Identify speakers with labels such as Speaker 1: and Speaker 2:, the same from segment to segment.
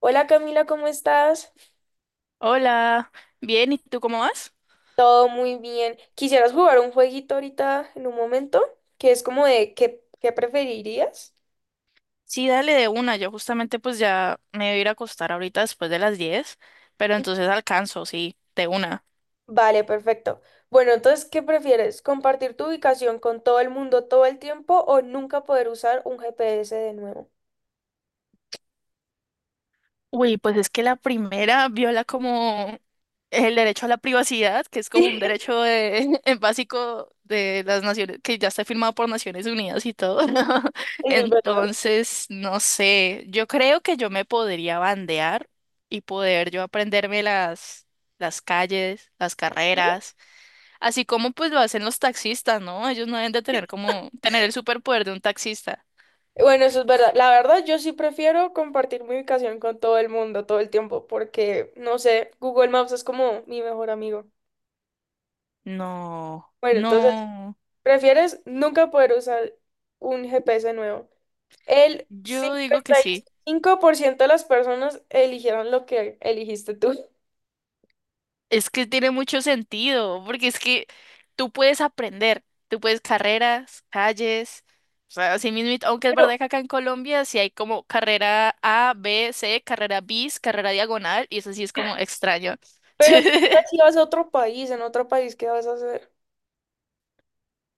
Speaker 1: Hola, Camila, ¿cómo estás?
Speaker 2: Hola, bien, ¿y tú cómo vas?
Speaker 1: Todo muy bien. ¿Quisieras jugar un jueguito ahorita en un momento? Que es como de ¿qué preferirías?
Speaker 2: Sí, dale de una, yo justamente pues ya me voy a ir a acostar ahorita después de las 10, pero entonces alcanzo, sí, de una.
Speaker 1: Vale, perfecto. Bueno, entonces, ¿qué prefieres? ¿Compartir tu ubicación con todo el mundo todo el tiempo o nunca poder usar un GPS de nuevo?
Speaker 2: Uy, pues es que la primera viola como el derecho a la privacidad, que es como un derecho básico de las naciones, que ya está firmado por Naciones Unidas y todo.
Speaker 1: Sí, eso es verdad.
Speaker 2: Entonces, no sé, yo creo que yo me podría bandear y poder yo aprenderme las calles, las
Speaker 1: Sí.
Speaker 2: carreras. Así como pues lo hacen los taxistas, ¿no? Ellos no deben de tener como tener el superpoder de un taxista.
Speaker 1: Bueno, eso es verdad. La verdad, yo sí prefiero compartir mi ubicación con todo el mundo todo el tiempo porque, no sé, Google Maps es como mi mejor amigo.
Speaker 2: No,
Speaker 1: Bueno, entonces...
Speaker 2: no.
Speaker 1: ¿Prefieres nunca poder usar un GPS nuevo? El
Speaker 2: Yo digo
Speaker 1: cincuenta
Speaker 2: que
Speaker 1: y
Speaker 2: sí.
Speaker 1: cinco por ciento de las personas eligieron lo que eligiste tú.
Speaker 2: Es que tiene mucho sentido, porque es que tú puedes aprender, tú puedes carreras, calles, o sea, así mismo, aunque es
Speaker 1: Pero,
Speaker 2: verdad que acá en Colombia sí hay como carrera A, B, C, carrera bis, carrera diagonal, y eso sí es como extraño.
Speaker 1: pero ¿qué tal si vas a otro país? ¿En otro país qué vas a hacer?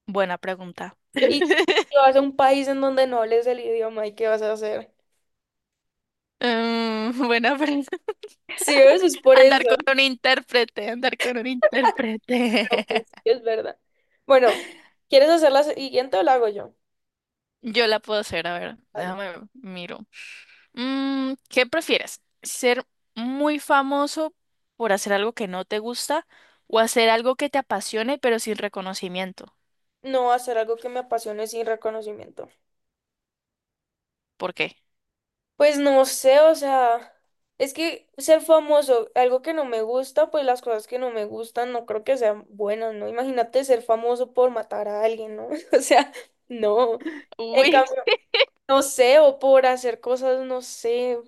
Speaker 2: Buena pregunta.
Speaker 1: Y si vas a un país en donde no hables el idioma, ¿y qué vas a hacer?
Speaker 2: Mm, buena pregunta.
Speaker 1: Sí, eso es por eso.
Speaker 2: Andar con un intérprete, andar con un intérprete.
Speaker 1: Pero pues sí, es verdad. Bueno, ¿quieres hacer la siguiente o la hago yo?
Speaker 2: Yo la puedo hacer, a ver,
Speaker 1: Vale.
Speaker 2: déjame ver, miro. ¿Qué prefieres? ¿Ser muy famoso por hacer algo que no te gusta o hacer algo que te apasione pero sin reconocimiento?
Speaker 1: No hacer algo que me apasione sin reconocimiento.
Speaker 2: ¿Por qué?
Speaker 1: Pues no sé, o sea, es que ser famoso, algo que no me gusta, pues las cosas que no me gustan no creo que sean buenas, ¿no? Imagínate ser famoso por matar a alguien, ¿no? O sea, no. En
Speaker 2: Uy.
Speaker 1: cambio, no sé, o por hacer cosas, no sé,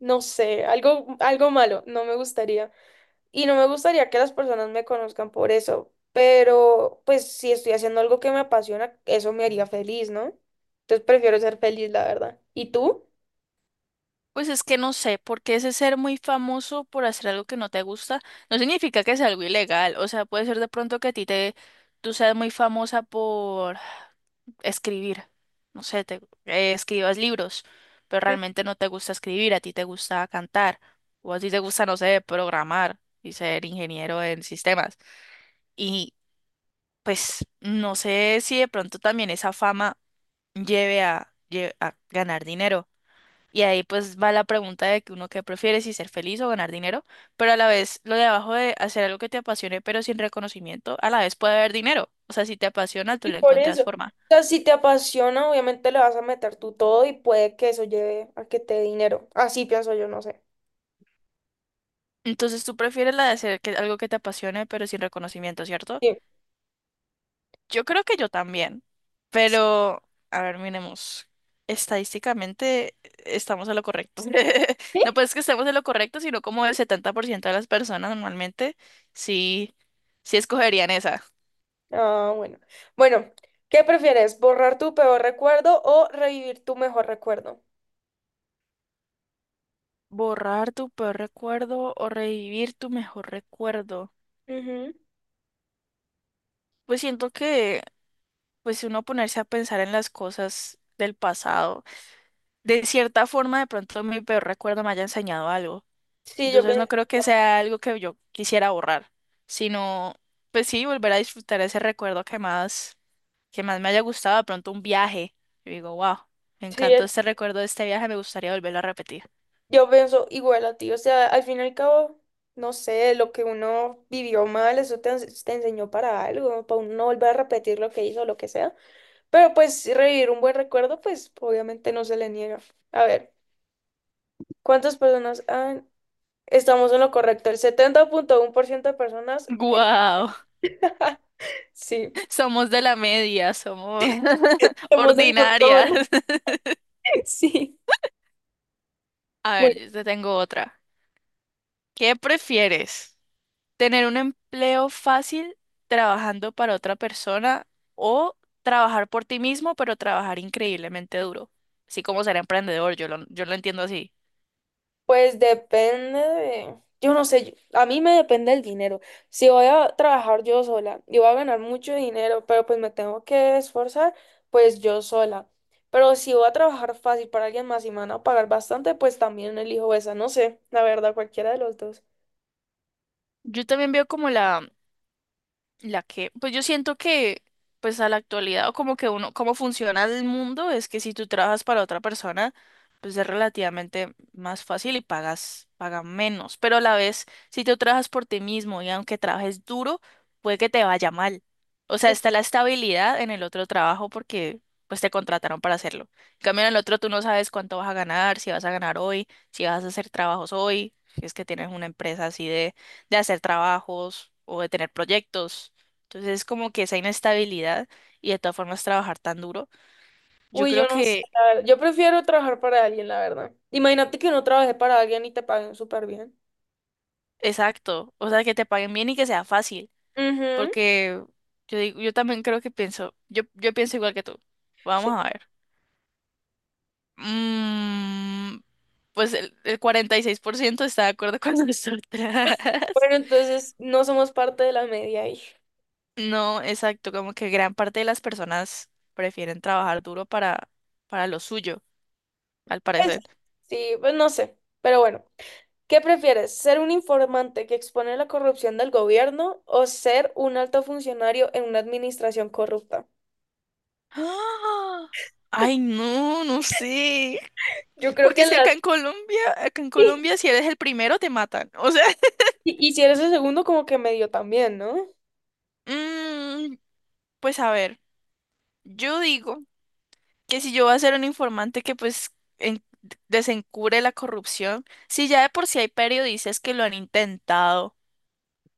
Speaker 1: no sé, algo, algo malo, no me gustaría. Y no me gustaría que las personas me conozcan por eso, pero pues si estoy haciendo algo que me apasiona, eso me haría feliz, ¿no? Entonces prefiero ser feliz, la verdad. ¿Y tú?
Speaker 2: Pues es que no sé, porque ese ser muy famoso por hacer algo que no te gusta no significa que sea algo ilegal. O sea, puede ser de pronto que tú seas muy famosa por escribir. No sé, escribas libros, pero realmente no te gusta escribir, a ti te gusta cantar, o a ti te gusta, no sé, programar y ser ingeniero en sistemas. Y pues no sé si de pronto también esa fama lleve a a ganar dinero. Y ahí pues va la pregunta de que uno qué prefiere, si ser feliz o ganar dinero, pero a la vez lo de abajo de hacer algo que te apasione pero sin reconocimiento, a la vez puede haber dinero. O sea, si te apasiona, tú
Speaker 1: Y
Speaker 2: le
Speaker 1: por
Speaker 2: encuentras
Speaker 1: eso, o
Speaker 2: forma.
Speaker 1: sea, si te apasiona, obviamente le vas a meter tú todo y puede que eso lleve a que te dé dinero. Así pienso yo, no sé.
Speaker 2: Entonces tú prefieres la de hacer que, algo que te apasione pero sin reconocimiento, ¿cierto?
Speaker 1: Sí.
Speaker 2: Yo creo que yo también, pero a ver, miremos. Estadísticamente estamos en lo correcto.
Speaker 1: ¿Sí?
Speaker 2: No pues que estemos en lo correcto, sino como el 70% de las personas normalmente sí, sí escogerían esa.
Speaker 1: Ah, bueno. Bueno, ¿qué prefieres? ¿Borrar tu peor recuerdo o revivir tu mejor recuerdo?
Speaker 2: Borrar tu peor recuerdo o revivir tu mejor recuerdo.
Speaker 1: Ujú.
Speaker 2: Pues siento que, pues si uno ponerse a pensar en las cosas del pasado, de cierta forma de pronto mi peor recuerdo me haya enseñado algo.
Speaker 1: Sí, yo
Speaker 2: Entonces no
Speaker 1: pienso,
Speaker 2: creo que
Speaker 1: igual
Speaker 2: sea algo que yo quisiera borrar, sino, pues sí, volver a disfrutar ese recuerdo que más, me haya gustado, de pronto un viaje. Yo digo, wow, me
Speaker 1: sí,
Speaker 2: encantó este recuerdo de este viaje, me gustaría volverlo a repetir.
Speaker 1: yo pienso igual a ti. O sea, al fin y al cabo, no sé, lo que uno vivió mal, eso te, te enseñó para algo, para uno no volver a repetir lo que hizo, lo que sea. Pero pues revivir un buen recuerdo, pues obviamente no se le niega. A ver, ¿cuántas personas han... Estamos en lo correcto. El 70.1% de personas...
Speaker 2: ¡Guau!
Speaker 1: Sí.
Speaker 2: Somos de la media, somos
Speaker 1: Somos del
Speaker 2: ordinarias.
Speaker 1: montón. Sí.
Speaker 2: A ver, yo te tengo otra. ¿Qué prefieres? ¿Tener un empleo fácil trabajando para otra persona o trabajar por ti mismo, pero trabajar increíblemente duro? Así como ser emprendedor, yo lo entiendo así.
Speaker 1: Pues depende de, yo no sé, a mí me depende el dinero. Si voy a trabajar yo sola y voy a ganar mucho dinero, pero pues me tengo que esforzar, pues yo sola. Pero si voy a trabajar fácil para alguien más y me van a pagar bastante, pues también elijo esa, no sé, la verdad, cualquiera de los dos.
Speaker 2: Yo también veo como la que, pues yo siento que, pues a la actualidad, o como que uno, cómo funciona el mundo, es que si tú trabajas para otra persona, pues es relativamente más fácil y pagan menos. Pero a la vez, si tú trabajas por ti mismo y aunque trabajes duro, puede que te vaya mal. O sea,
Speaker 1: Sí.
Speaker 2: está la estabilidad en el otro trabajo porque pues te contrataron para hacerlo. En cambio, en el otro tú no sabes cuánto vas a ganar, si vas a ganar hoy, si vas a hacer trabajos hoy, si es que tienes una empresa así de hacer trabajos o de tener proyectos. Entonces es como que esa inestabilidad y de todas formas trabajar tan duro. Yo
Speaker 1: Uy,
Speaker 2: creo
Speaker 1: yo no sé,
Speaker 2: que,
Speaker 1: la verdad, yo prefiero trabajar para alguien, la verdad. Imagínate que no trabajé para alguien y te paguen súper bien.
Speaker 2: exacto, o sea, que te paguen bien y que sea fácil,
Speaker 1: Ujú.
Speaker 2: porque yo digo, yo también creo que pienso, yo pienso igual que tú.
Speaker 1: Sí.
Speaker 2: Vamos a ver. Mm, pues el 46% está de acuerdo con nosotras.
Speaker 1: Bueno, entonces no somos parte de la media ahí.
Speaker 2: No, exacto, como que gran parte de las personas prefieren trabajar duro para lo suyo, al
Speaker 1: Pues,
Speaker 2: parecer.
Speaker 1: sí, pues no sé. Pero bueno, ¿qué prefieres? ¿Ser un informante que expone la corrupción del gobierno o ser un alto funcionario en una administración corrupta?
Speaker 2: ¡Ah! Ay, no, no sé.
Speaker 1: Yo creo
Speaker 2: Porque
Speaker 1: que
Speaker 2: es
Speaker 1: en
Speaker 2: que
Speaker 1: las...
Speaker 2: acá en Colombia, si eres el primero, te matan. O sea,
Speaker 1: Y si eres el segundo, como que medio también, ¿no?
Speaker 2: mm, pues a ver, yo digo que si yo voy a ser un informante que pues en- desencubre la corrupción, si ya de por sí hay periodistas que lo han intentado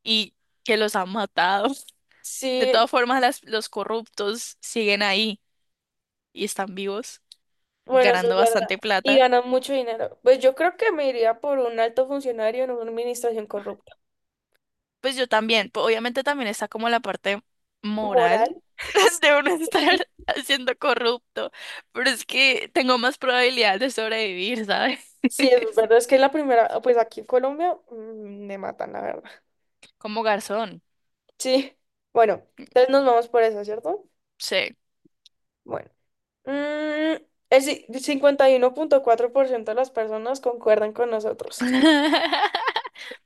Speaker 2: y que los han matado, de
Speaker 1: Sí,
Speaker 2: todas formas los corruptos siguen ahí y están vivos,
Speaker 1: bueno, eso es
Speaker 2: ganando
Speaker 1: verdad.
Speaker 2: bastante
Speaker 1: Y
Speaker 2: plata,
Speaker 1: ganan mucho dinero. Pues yo creo que me iría por un alto funcionario en una administración corrupta.
Speaker 2: pues yo también, pues obviamente también está como la parte moral
Speaker 1: Moral.
Speaker 2: de uno
Speaker 1: Sí,
Speaker 2: estar siendo corrupto, pero es que tengo más probabilidad de sobrevivir, ¿sabes?
Speaker 1: sí, es verdad. Es que la primera, pues aquí en Colombia me matan, la verdad.
Speaker 2: Como garzón,
Speaker 1: Sí, bueno, entonces nos vamos por eso, ¿cierto?
Speaker 2: sí.
Speaker 1: Bueno, mm, el 51.4% de las personas concuerdan con nosotros.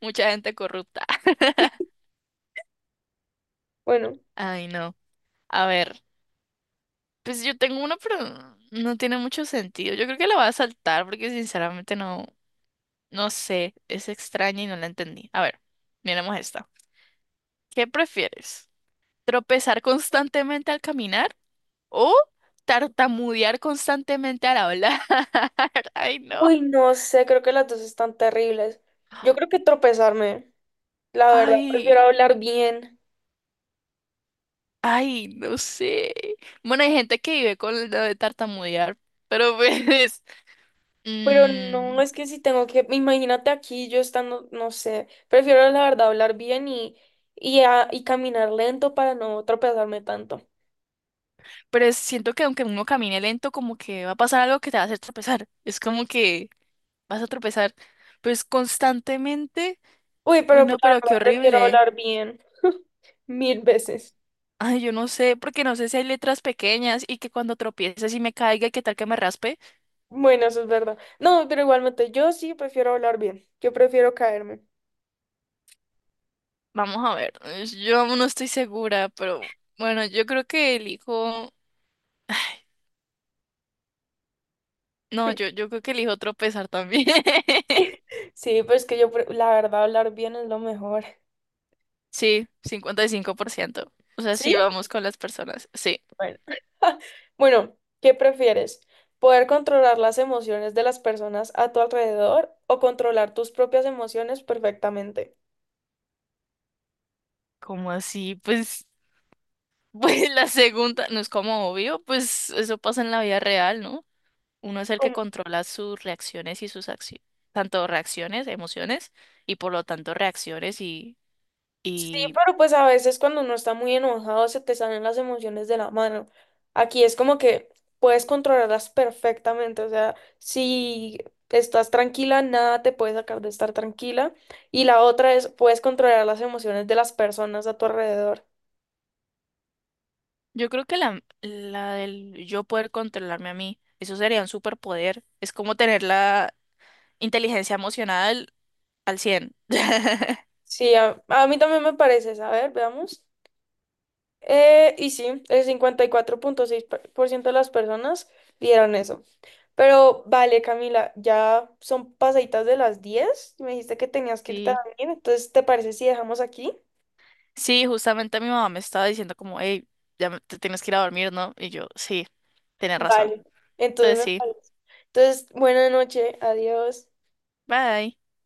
Speaker 2: Mucha gente corrupta.
Speaker 1: Bueno,
Speaker 2: Ay, no. A ver, pues yo tengo uno, pero no tiene mucho sentido. Yo creo que la voy a saltar porque sinceramente no, no sé, es extraña y no la entendí. A ver, miremos esta. ¿Qué prefieres? ¿Tropezar constantemente al caminar o tartamudear constantemente al hablar? Ay, no.
Speaker 1: uy, no sé, creo que las dos están terribles. Yo creo que tropezarme, la verdad, prefiero
Speaker 2: Ay,
Speaker 1: hablar bien,
Speaker 2: ay, no sé. Bueno, hay gente que vive con lo de tartamudear, pero pues...
Speaker 1: pero
Speaker 2: mm,
Speaker 1: no, es que si tengo que, imagínate aquí yo estando, no sé, prefiero la verdad hablar bien y caminar lento para no tropezarme tanto.
Speaker 2: pero siento que aunque uno camine lento, como que va a pasar algo que te va a hacer tropezar. Es como que vas a tropezar, pues constantemente.
Speaker 1: Uy, pero
Speaker 2: Uy,
Speaker 1: la
Speaker 2: no, pero qué
Speaker 1: verdad prefiero
Speaker 2: horrible.
Speaker 1: hablar bien mil veces.
Speaker 2: Ay, yo no sé, porque no sé si hay letras pequeñas y que cuando tropieces y me caiga, ¿qué tal que me raspe?
Speaker 1: Bueno, eso es verdad. No, pero igualmente yo sí prefiero hablar bien. Yo prefiero caerme.
Speaker 2: Vamos a ver, yo aún no estoy segura, pero bueno, yo creo que elijo, no, yo, yo creo que elijo tropezar también.
Speaker 1: Sí, pues que yo, la verdad, hablar bien es lo mejor.
Speaker 2: Sí, 55%. O sea, sí
Speaker 1: ¿Sí?
Speaker 2: vamos con las personas. Sí.
Speaker 1: Bueno. Bueno, ¿qué prefieres? ¿Poder controlar las emociones de las personas a tu alrededor o controlar tus propias emociones perfectamente?
Speaker 2: ¿Cómo así? Pues, pues la segunda, no es como obvio, pues eso pasa en la vida real, ¿no? Uno es el que controla sus reacciones y sus acciones, tanto reacciones, emociones, y por lo tanto reacciones y
Speaker 1: Sí,
Speaker 2: y,
Speaker 1: pero pues a veces cuando uno está muy enojado se te salen las emociones de la mano. Aquí es como que puedes controlarlas perfectamente, o sea, si estás tranquila, nada te puede sacar de estar tranquila. Y la otra es, puedes controlar las emociones de las personas a tu alrededor.
Speaker 2: Yo creo que la del yo poder controlarme a mí, eso sería un superpoder. Es como tener la inteligencia emocional al 100.
Speaker 1: Sí, a mí también me parece, a ver, veamos. Y sí, el 54.6% de las personas vieron eso. Pero vale, Camila, ya son pasaditas de las 10. Me dijiste que tenías que ir
Speaker 2: Sí,
Speaker 1: también. Entonces, ¿te parece si dejamos aquí?
Speaker 2: sí, justamente mi mamá me estaba diciendo como, hey, te tienes que ir a dormir, ¿no? Y yo, sí, tienes razón.
Speaker 1: Vale. Entonces
Speaker 2: Entonces
Speaker 1: me
Speaker 2: sí,
Speaker 1: parece. Entonces, buena noche. Adiós.
Speaker 2: bye.